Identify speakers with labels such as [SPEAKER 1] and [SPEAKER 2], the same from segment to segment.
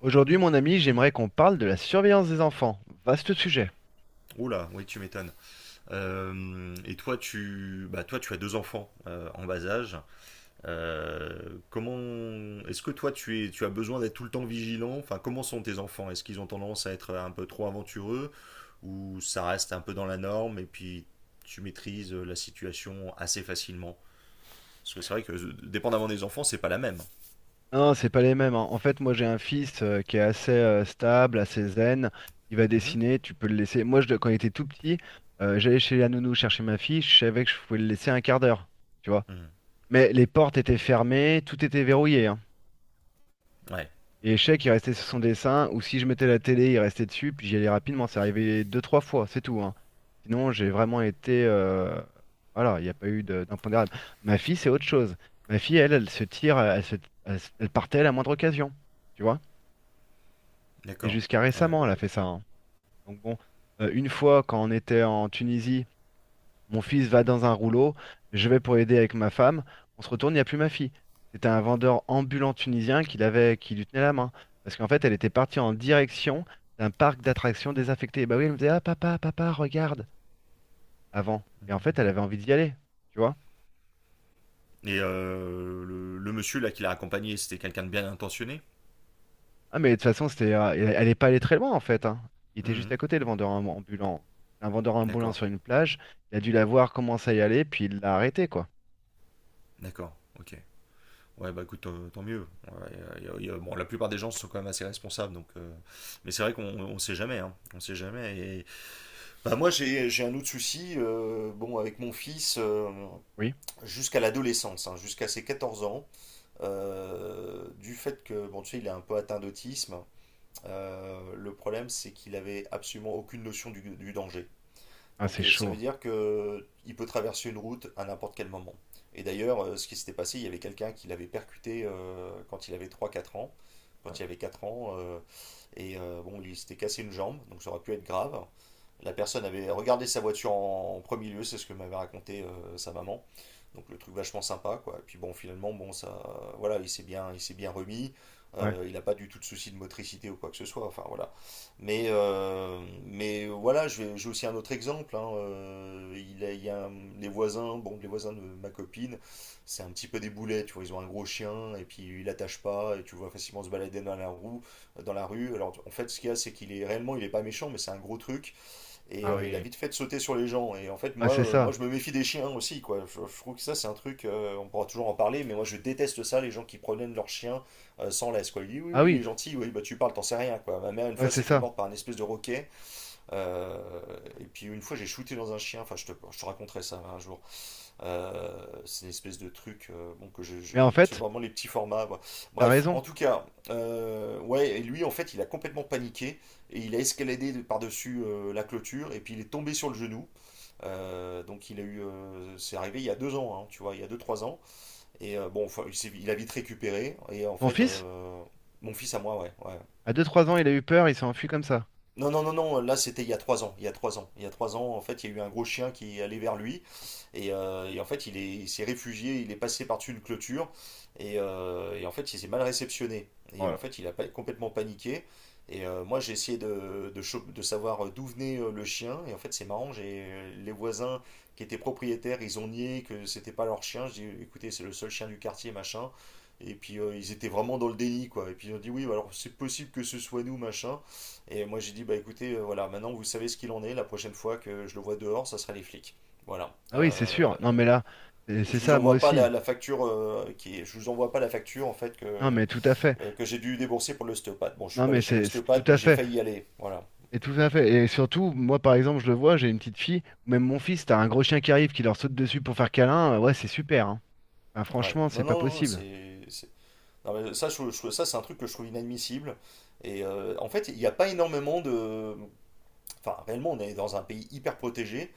[SPEAKER 1] Aujourd'hui, mon ami, j'aimerais qu'on parle de la surveillance des enfants. Vaste sujet.
[SPEAKER 2] Oula, oui, tu m'étonnes. Et toi, tu, toi, tu as deux enfants en bas âge. Euh, comment, Est-ce que toi, tu as besoin d'être tout le temps vigilant? Enfin, comment sont tes enfants? Est-ce qu'ils ont tendance à être un peu trop aventureux ou ça reste un peu dans la norme et puis tu maîtrises la situation assez facilement? Parce que c'est vrai que dépendamment des enfants, c'est pas la même.
[SPEAKER 1] Non, c'est pas les mêmes, hein. En fait, moi, j'ai un fils qui est assez stable, assez zen. Il va
[SPEAKER 2] Mhm.
[SPEAKER 1] dessiner, tu peux le laisser. Moi, quand il était tout petit, j'allais chez la nounou chercher ma fille. Je savais que je pouvais le laisser un quart d'heure, tu vois.
[SPEAKER 2] Mhm.
[SPEAKER 1] Mais les portes étaient fermées, tout était verrouillé, hein.
[SPEAKER 2] Ouais,
[SPEAKER 1] Et Échec, il restait sur son dessin, ou si je mettais la télé, il restait dessus, puis j'y allais rapidement. C'est arrivé deux, trois fois, c'est tout, hein. Sinon, j'ai vraiment été. Voilà, il n'y a pas eu d'impondérable. Ma fille, c'est autre chose. Ma fille, elle se tire, elle partait à la moindre occasion, tu vois. Et
[SPEAKER 2] d'accord.
[SPEAKER 1] jusqu'à
[SPEAKER 2] Ouais.
[SPEAKER 1] récemment, elle a fait ça, hein. Donc bon, une fois, quand on était en Tunisie, mon fils va dans un rouleau, je vais pour aider avec ma femme. On se retourne, il n'y a plus ma fille. C'était un vendeur ambulant tunisien qui qui lui tenait la main. Parce qu'en fait, elle était partie en direction d'un parc d'attractions désaffecté. Et bah oui, elle me disait, « Ah papa, papa, regarde », avant. Et en fait, elle avait envie d'y aller, tu vois.
[SPEAKER 2] Et le monsieur là qui l'a accompagné, c'était quelqu'un de bien intentionné?
[SPEAKER 1] Ah mais de toute façon, elle est pas allée très loin en fait, hein. Il était juste
[SPEAKER 2] Mhm.
[SPEAKER 1] à côté, le vendeur ambulant. C'est un vendeur ambulant
[SPEAKER 2] D'accord.
[SPEAKER 1] sur une plage, il a dû la voir commencer à y aller, puis il l'a arrêté, quoi.
[SPEAKER 2] D'accord, ok. Ouais, bah écoute, tant mieux. Ouais, bon, la plupart des gens sont quand même assez responsables, donc. Mais c'est vrai qu'on on sait jamais, hein. On sait jamais. Bah moi, j'ai un autre souci. Bon, avec mon fils,
[SPEAKER 1] Oui.
[SPEAKER 2] jusqu'à l'adolescence, hein, jusqu'à ses 14 ans, du fait que, bon, tu sais, il est un peu atteint d'autisme. Le problème, c'est qu'il avait absolument aucune notion du danger.
[SPEAKER 1] Ah c'est
[SPEAKER 2] Donc ça
[SPEAKER 1] chaud.
[SPEAKER 2] veut dire que il peut traverser une route à n'importe quel moment. Et d'ailleurs, ce qui s'était passé, il y avait quelqu'un qui l'avait percuté quand il avait trois,
[SPEAKER 1] Oh là-
[SPEAKER 2] 4 ans, et bon, il s'était cassé une jambe, donc ça aurait pu être grave. La personne avait regardé sa voiture en, en premier lieu, c'est ce que m'avait raconté sa maman. Donc le truc vachement sympa, quoi. Et puis bon, finalement, bon, ça, voilà, il s'est bien remis.
[SPEAKER 1] Ouais.
[SPEAKER 2] Il n'a pas du tout de soucis de motricité ou quoi que ce soit. Enfin voilà, mais, euh, mais voilà, j'ai aussi un autre exemple. Hein, il a- il y a un- les voisins, bon, les voisins de ma copine, c'est un petit peu des boulets, tu vois. Ils ont un gros chien et puis ils l'attachent pas et tu le vois facilement se balader dans la rue. Alors en fait, ce qu'il y a, c'est qu'il est réellement, il est pas méchant, mais c'est un gros truc. Et
[SPEAKER 1] Ah
[SPEAKER 2] il a
[SPEAKER 1] oui.
[SPEAKER 2] vite fait de sauter sur les gens. Et en fait,
[SPEAKER 1] Ah c'est
[SPEAKER 2] moi
[SPEAKER 1] ça.
[SPEAKER 2] je me méfie des chiens aussi, quoi. Je trouve que ça, c'est un truc, on pourra toujours en parler, mais moi, je déteste ça, les gens qui promènent leurs chiens sans laisse, quoi. Il dit, oui,
[SPEAKER 1] Ah
[SPEAKER 2] oui, il
[SPEAKER 1] oui.
[SPEAKER 2] est gentil, oui, bah tu parles, t'en sais rien, quoi. Ma mère, une
[SPEAKER 1] Ouais,
[SPEAKER 2] fois,
[SPEAKER 1] c'est
[SPEAKER 2] s'est fait
[SPEAKER 1] ça.
[SPEAKER 2] mordre par un espèce de roquet. Euh, et puis, une fois, j'ai shooté dans un chien. Enfin, je te raconterai ça hein, un jour. C'est une espèce de truc bon, que
[SPEAKER 1] Mais en
[SPEAKER 2] tu
[SPEAKER 1] fait,
[SPEAKER 2] vraiment les petits formats. Quoi.
[SPEAKER 1] t'as
[SPEAKER 2] Bref,
[SPEAKER 1] raison.
[SPEAKER 2] en tout cas, ouais, et lui en fait il a complètement paniqué et il a par-dessus la clôture et puis il est tombé sur le genou. Donc il a c'est arrivé il y a 2 ans, hein, tu vois, il y a 2 3 ans. Et bon, enfin, il a vite récupéré et en
[SPEAKER 1] Ton
[SPEAKER 2] fait
[SPEAKER 1] fils,
[SPEAKER 2] mon fils à moi, ouais, ouais.
[SPEAKER 1] à deux trois ans, il a eu peur, il s'est enfui comme ça.
[SPEAKER 2] Non, non, non, non, là c'était il y a 3 ans, il y a trois ans, il y a trois ans, en fait, il y a eu un gros chien qui est allé vers lui. Et en fait, il s'est réfugié, il est passé par-dessus une clôture. Et en fait, il s'est mal réceptionné.
[SPEAKER 1] Oh
[SPEAKER 2] Et en
[SPEAKER 1] là là.
[SPEAKER 2] fait, il a pas- complètement paniqué. Et moi, j'ai essayé de savoir d'où venait le chien. Et en fait, c'est marrant, j'ai les voisins qui étaient propriétaires, ils ont nié que c'était pas leur chien. Je dis, écoutez, c'est le seul chien du quartier, machin. Et puis ils étaient vraiment dans le déni, quoi. Et puis ils ont dit, oui, bah, alors c'est possible que ce soit nous, machin. Et moi j'ai dit, bah écoutez, voilà, maintenant vous savez ce qu'il en est. La prochaine fois que je le vois dehors, ça sera les flics. Voilà.
[SPEAKER 1] Ah oui, c'est sûr. Non, mais là, c'est
[SPEAKER 2] Et
[SPEAKER 1] c'est
[SPEAKER 2] je vous
[SPEAKER 1] ça, moi
[SPEAKER 2] envoie pas la,
[SPEAKER 1] aussi.
[SPEAKER 2] la facture je vous envoie pas la facture en fait
[SPEAKER 1] Non, mais tout à fait.
[SPEAKER 2] que j'ai dû débourser pour l'ostéopathe. Bon, je suis
[SPEAKER 1] Non,
[SPEAKER 2] pas allé
[SPEAKER 1] mais
[SPEAKER 2] chez
[SPEAKER 1] c'est tout
[SPEAKER 2] l'ostéopathe, mais
[SPEAKER 1] à
[SPEAKER 2] j'ai
[SPEAKER 1] fait.
[SPEAKER 2] failli y aller. Voilà.
[SPEAKER 1] Et tout à fait. Et surtout, moi, par exemple, je le vois, j'ai une petite fille, ou même mon fils, t'as un gros chien qui arrive, qui leur saute dessus pour faire câlin. Ouais, c'est super, hein. Enfin,
[SPEAKER 2] Ouais.
[SPEAKER 1] franchement, c'est
[SPEAKER 2] Non,
[SPEAKER 1] pas
[SPEAKER 2] non, non,
[SPEAKER 1] possible.
[SPEAKER 2] non, mais ça, ça c'est un truc que je trouve inadmissible. Et en fait, il n'y a pas énormément de, enfin, réellement, on est dans un pays hyper protégé.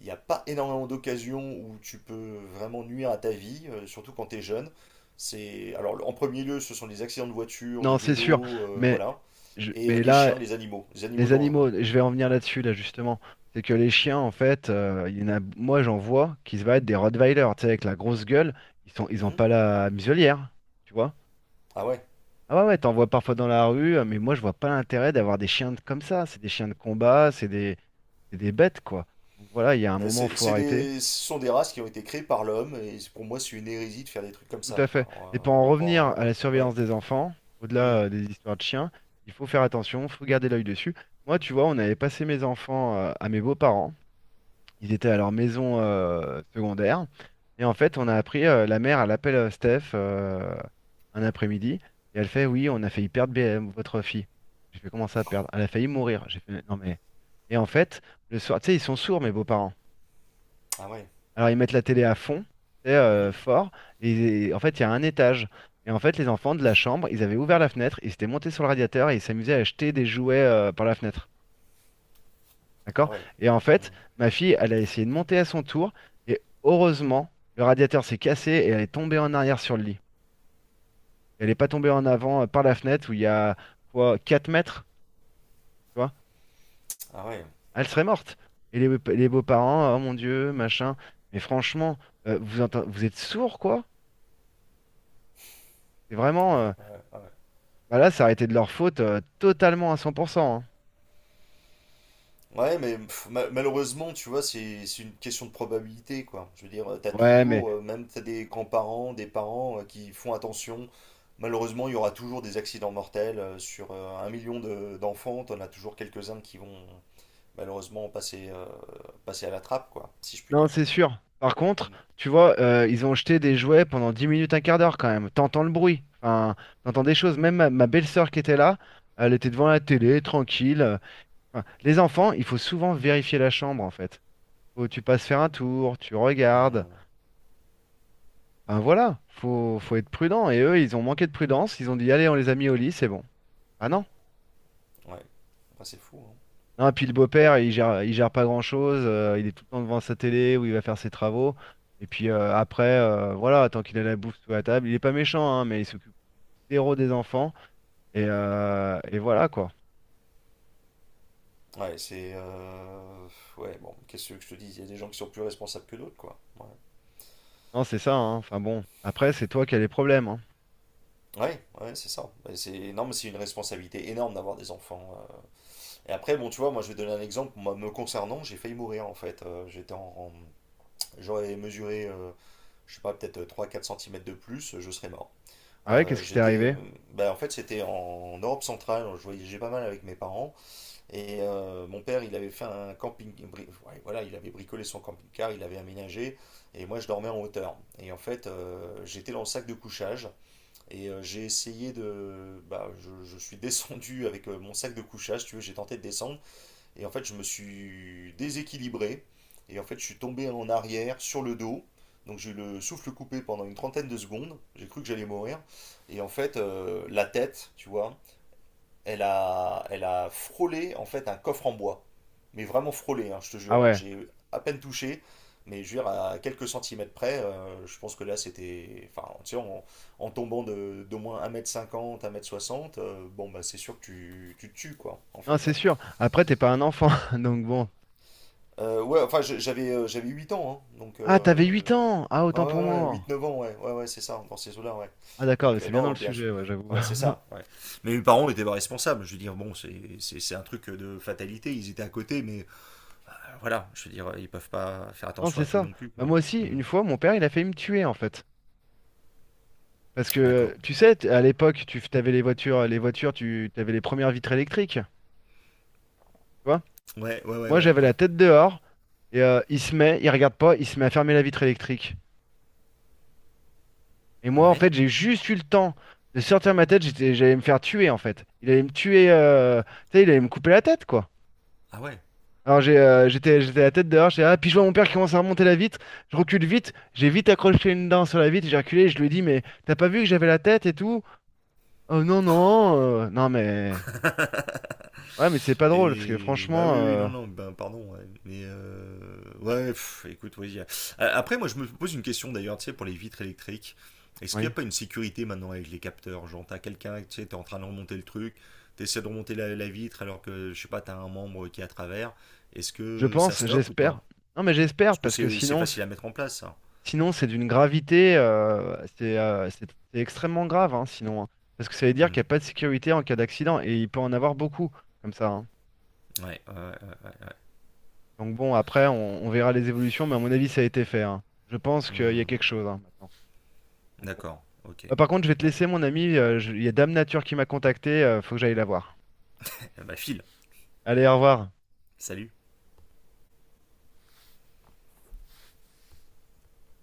[SPEAKER 2] Il n'y a pas énormément d'occasions où tu peux vraiment nuire à ta vie, surtout quand tu es jeune. C'est, alors, en premier lieu, ce sont les accidents de voiture, de
[SPEAKER 1] Non, c'est sûr.
[SPEAKER 2] vélo,
[SPEAKER 1] Mais,
[SPEAKER 2] voilà. Et les
[SPEAKER 1] là,
[SPEAKER 2] chiens, les animaux
[SPEAKER 1] les
[SPEAKER 2] dangereux.
[SPEAKER 1] animaux, je vais en venir là-dessus, là, justement. C'est que les chiens, en fait, il y en a, moi, j'en vois qui se battent, des Rottweiler, tu sais, avec la grosse gueule. Ils ont
[SPEAKER 2] Mhm.
[SPEAKER 1] pas la muselière, tu vois.
[SPEAKER 2] Ah ouais.
[SPEAKER 1] Ah ouais, ouais, t'en vois parfois dans la rue, mais moi, je vois pas l'intérêt d'avoir des comme ça. C'est des chiens de combat, c'est des bêtes, quoi. Donc voilà, il y a un moment, faut arrêter.
[SPEAKER 2] Ce sont des races qui ont été créées par l'homme, pour moi, c'est une hérésie de faire des trucs comme
[SPEAKER 1] Tout
[SPEAKER 2] ça,
[SPEAKER 1] à fait.
[SPEAKER 2] quoi.
[SPEAKER 1] Et pour en revenir à la
[SPEAKER 2] Ouais. Ouais.
[SPEAKER 1] surveillance des enfants, au-delà,
[SPEAKER 2] Mhm.
[SPEAKER 1] des histoires de chiens, il faut faire attention, faut garder l'œil dessus. Moi, tu vois, on avait passé mes enfants, à mes beaux-parents. Ils étaient à leur maison secondaire. Et en fait, on a appris, la mère, elle appelle Steph, un après-midi. Et elle fait, oui, on a failli perdre BM, votre fille. J'ai fait, comment ça, perdre? Elle a failli mourir. J'ai fait, non mais... Et en fait, le soir, tu sais, ils sont sourds, mes beaux-parents.
[SPEAKER 2] Ah ouais.
[SPEAKER 1] Alors, ils mettent la télé à fond, tu sais,
[SPEAKER 2] Mhm.
[SPEAKER 1] fort. Et en fait, il y a un étage. Et en fait, les enfants de la chambre, ils avaient ouvert la fenêtre, ils s'étaient montés sur le radiateur et ils s'amusaient à jeter des jouets par la fenêtre. D'accord?
[SPEAKER 2] Ah ouais.
[SPEAKER 1] Et en
[SPEAKER 2] Mhm.
[SPEAKER 1] fait, ma fille, elle a essayé de monter à son tour, et heureusement, le radiateur s'est cassé et elle est tombée en arrière sur le lit. Elle n'est pas tombée en avant par la fenêtre où il y a quoi, 4 mètres, tu vois?
[SPEAKER 2] Ah ouais,
[SPEAKER 1] Elle serait morte. Et les beaux-parents, oh mon Dieu, machin. Mais franchement, vous êtes sourds, quoi? C'est vraiment.
[SPEAKER 2] ouais, ouais, ah ouais.
[SPEAKER 1] Bah là, ça a été de leur faute totalement à 100%, hein.
[SPEAKER 2] Ouais, mais pff, malheureusement, tu vois, c'est une question de probabilité, quoi. Je veux dire, t'as
[SPEAKER 1] Ouais, mais
[SPEAKER 2] toujours, même t'as des grands-parents, des parents qui font attention. Malheureusement, il y aura toujours des accidents mortels. Sur 1 million d'enfants, t'en as toujours quelques-uns qui vont, malheureusement passer passé à la trappe, quoi, si je puis
[SPEAKER 1] non,
[SPEAKER 2] dire.
[SPEAKER 1] c'est sûr. Par contre,
[SPEAKER 2] Mm,
[SPEAKER 1] tu vois, ils ont jeté des jouets pendant 10 minutes, un quart d'heure quand même. T'entends le bruit. Enfin, t'entends des choses. Même ma belle-sœur qui était là, elle était devant la télé, tranquille. Enfin, les enfants, il faut souvent vérifier la chambre en fait. Faut, tu passes faire un tour, tu regardes.
[SPEAKER 2] mm,
[SPEAKER 1] Enfin voilà,
[SPEAKER 2] mm,
[SPEAKER 1] faut être prudent. Et eux, ils ont manqué de prudence. Ils ont dit, allez, on les a mis au lit, c'est bon. Ah non.
[SPEAKER 2] Ouais, Bah, c'est fou. Hein.
[SPEAKER 1] Non, et puis le beau-père, il gère pas grand-chose, il est tout le temps devant sa télé où il va faire ses travaux. Et puis voilà, tant qu'il a la bouffe sous la table, il est pas méchant, hein, mais il s'occupe zéro des enfants. Et voilà quoi.
[SPEAKER 2] Ouais, c'est. Ouais, bon, qu'est-ce que je te dis? Il y a des gens qui sont plus responsables que d'autres, quoi. Ouais.
[SPEAKER 1] Non, c'est ça, hein. Enfin bon, après, c'est toi qui as les problèmes, hein.
[SPEAKER 2] Ouais, ouais, c'est ça. Ouais, c'est énorme, c'est une responsabilité énorme d'avoir des enfants. Euh. Et après, bon, tu vois, moi, je vais donner un exemple. Moi, me concernant, j'ai failli mourir, en fait. J'aurais mesuré, je sais pas, peut-être trois, quatre centimètres de plus, je serais mort.
[SPEAKER 1] Ah ouais, qu'est-ce qui t'est arrivé?
[SPEAKER 2] Bah, en fait, c'était en Europe centrale. Je voyageais pas mal avec mes parents. Et mon père, il avait fait un ouais, voilà, il avait bricolé son camping-car, il avait aménagé, et moi je dormais en hauteur. Et en fait, j'étais dans le sac de couchage, et j'ai essayé de, bah, je suis descendu avec mon sac de couchage, si tu veux, j'ai tenté de descendre, et en fait, je me suis déséquilibré, et en fait, je suis tombé en arrière sur le dos. Donc j'ai eu le souffle coupé pendant une 30aine de secondes, j'ai cru que j'allais mourir, et en fait la tête, tu vois, elle a frôlé en fait un coffre en bois. Mais vraiment frôlé, hein, je te
[SPEAKER 1] Ah
[SPEAKER 2] jure.
[SPEAKER 1] ouais,
[SPEAKER 2] J'ai à peine touché, mais je veux dire, à quelques centimètres près, je pense que là c'était. Enfin, tu sais, en tombant d'au moins 1 m 50, 1 m 60, bon, bah c'est sûr que tu te tues, quoi, en
[SPEAKER 1] non,
[SPEAKER 2] fait.
[SPEAKER 1] c'est sûr. Après, t'es pas un enfant, donc bon.
[SPEAKER 2] Ouais, enfin, j'avais 8 ans, hein, donc
[SPEAKER 1] Ah, t'avais 8 ans! Ah,
[SPEAKER 2] Ouais,
[SPEAKER 1] autant pour
[SPEAKER 2] ouais, ouais,
[SPEAKER 1] moi.
[SPEAKER 2] 8-9 ans, ouais, ouais, ouais, c'est ça, dans ces eaux-là, ouais.
[SPEAKER 1] Ah d'accord,
[SPEAKER 2] Donc,
[SPEAKER 1] mais c'est bien dans le
[SPEAKER 2] non, bien sûr.
[SPEAKER 1] sujet, ouais, j'avoue.
[SPEAKER 2] Ouais, c'est ça. Ouais. Mais mes parents n'étaient pas responsables. Je veux dire, bon, c'est un truc de fatalité. Ils étaient à côté, mais voilà, je veux dire, ils peuvent pas faire
[SPEAKER 1] Non,
[SPEAKER 2] attention
[SPEAKER 1] c'est
[SPEAKER 2] à tout
[SPEAKER 1] ça.
[SPEAKER 2] non plus,
[SPEAKER 1] Bah,
[SPEAKER 2] quoi.
[SPEAKER 1] moi aussi,
[SPEAKER 2] Hmm,
[SPEAKER 1] une fois, mon père, il a failli me tuer en fait. Parce que
[SPEAKER 2] d'accord.
[SPEAKER 1] tu sais, à l'époque, tu avais les voitures, tu avais les premières vitres électriques, tu vois.
[SPEAKER 2] Ouais, ouais, ouais,
[SPEAKER 1] Moi,
[SPEAKER 2] ouais,
[SPEAKER 1] j'avais
[SPEAKER 2] ouais.
[SPEAKER 1] la tête dehors et il se met, il regarde pas, il se met à fermer la vitre électrique. Et moi, en
[SPEAKER 2] Ouais.
[SPEAKER 1] fait, j'ai juste eu le temps de sortir ma tête, j'allais me faire tuer en fait. Il allait me tuer, tu sais, il allait me couper la tête quoi.
[SPEAKER 2] Ah ouais.
[SPEAKER 1] Alors j'étais la tête dehors, j'ai ah, puis je vois mon père qui commence à remonter la vitre, je recule vite, j'ai vite accroché une dent sur la vitre, j'ai reculé, et je lui ai dit mais t'as pas vu que j'avais la tête et tout? Oh non non, non mais. Ouais, mais c'est pas drôle, parce que
[SPEAKER 2] Et bah
[SPEAKER 1] franchement,
[SPEAKER 2] oui, oui, non, non, ben pardon, ouais. Mais ouais, pff, écoute, Après, moi, je me pose une question d'ailleurs, tu sais, pour les vitres électriques. Est-ce qu'il
[SPEAKER 1] oui,
[SPEAKER 2] n'y a pas une sécurité maintenant avec les capteurs? Genre, t'as quelqu'un, tu sais, t'es en train de remonter le truc, t'essaies de remonter la, la vitre alors que, je sais pas, t'as un membre qui est à travers. Est-ce
[SPEAKER 1] je
[SPEAKER 2] que ça
[SPEAKER 1] pense,
[SPEAKER 2] stoppe ou
[SPEAKER 1] j'espère.
[SPEAKER 2] pas?
[SPEAKER 1] Non, mais j'espère,
[SPEAKER 2] Parce que
[SPEAKER 1] parce que
[SPEAKER 2] c'est facile à mettre en place, ça.
[SPEAKER 1] sinon c'est d'une c'est extrêmement grave, hein, sinon, hein. Parce que ça veut dire qu'il
[SPEAKER 2] Hmm.
[SPEAKER 1] n'y a pas de sécurité en cas d'accident, et il peut en avoir beaucoup, comme ça, hein.
[SPEAKER 2] Ouais, ouais, ouais.
[SPEAKER 1] Donc bon, après, on verra les évolutions, mais à mon avis, ça a été fait, hein. Je pense qu'il y a
[SPEAKER 2] Hmm.
[SPEAKER 1] quelque chose, hein, maintenant. Donc bon.
[SPEAKER 2] D'accord, ok.
[SPEAKER 1] Bah, par contre, je vais te
[SPEAKER 2] Bon,
[SPEAKER 1] laisser, mon ami, il y a Dame Nature qui m'a contacté, faut que j'aille la voir.
[SPEAKER 2] bah file,
[SPEAKER 1] Allez, au revoir.
[SPEAKER 2] salut.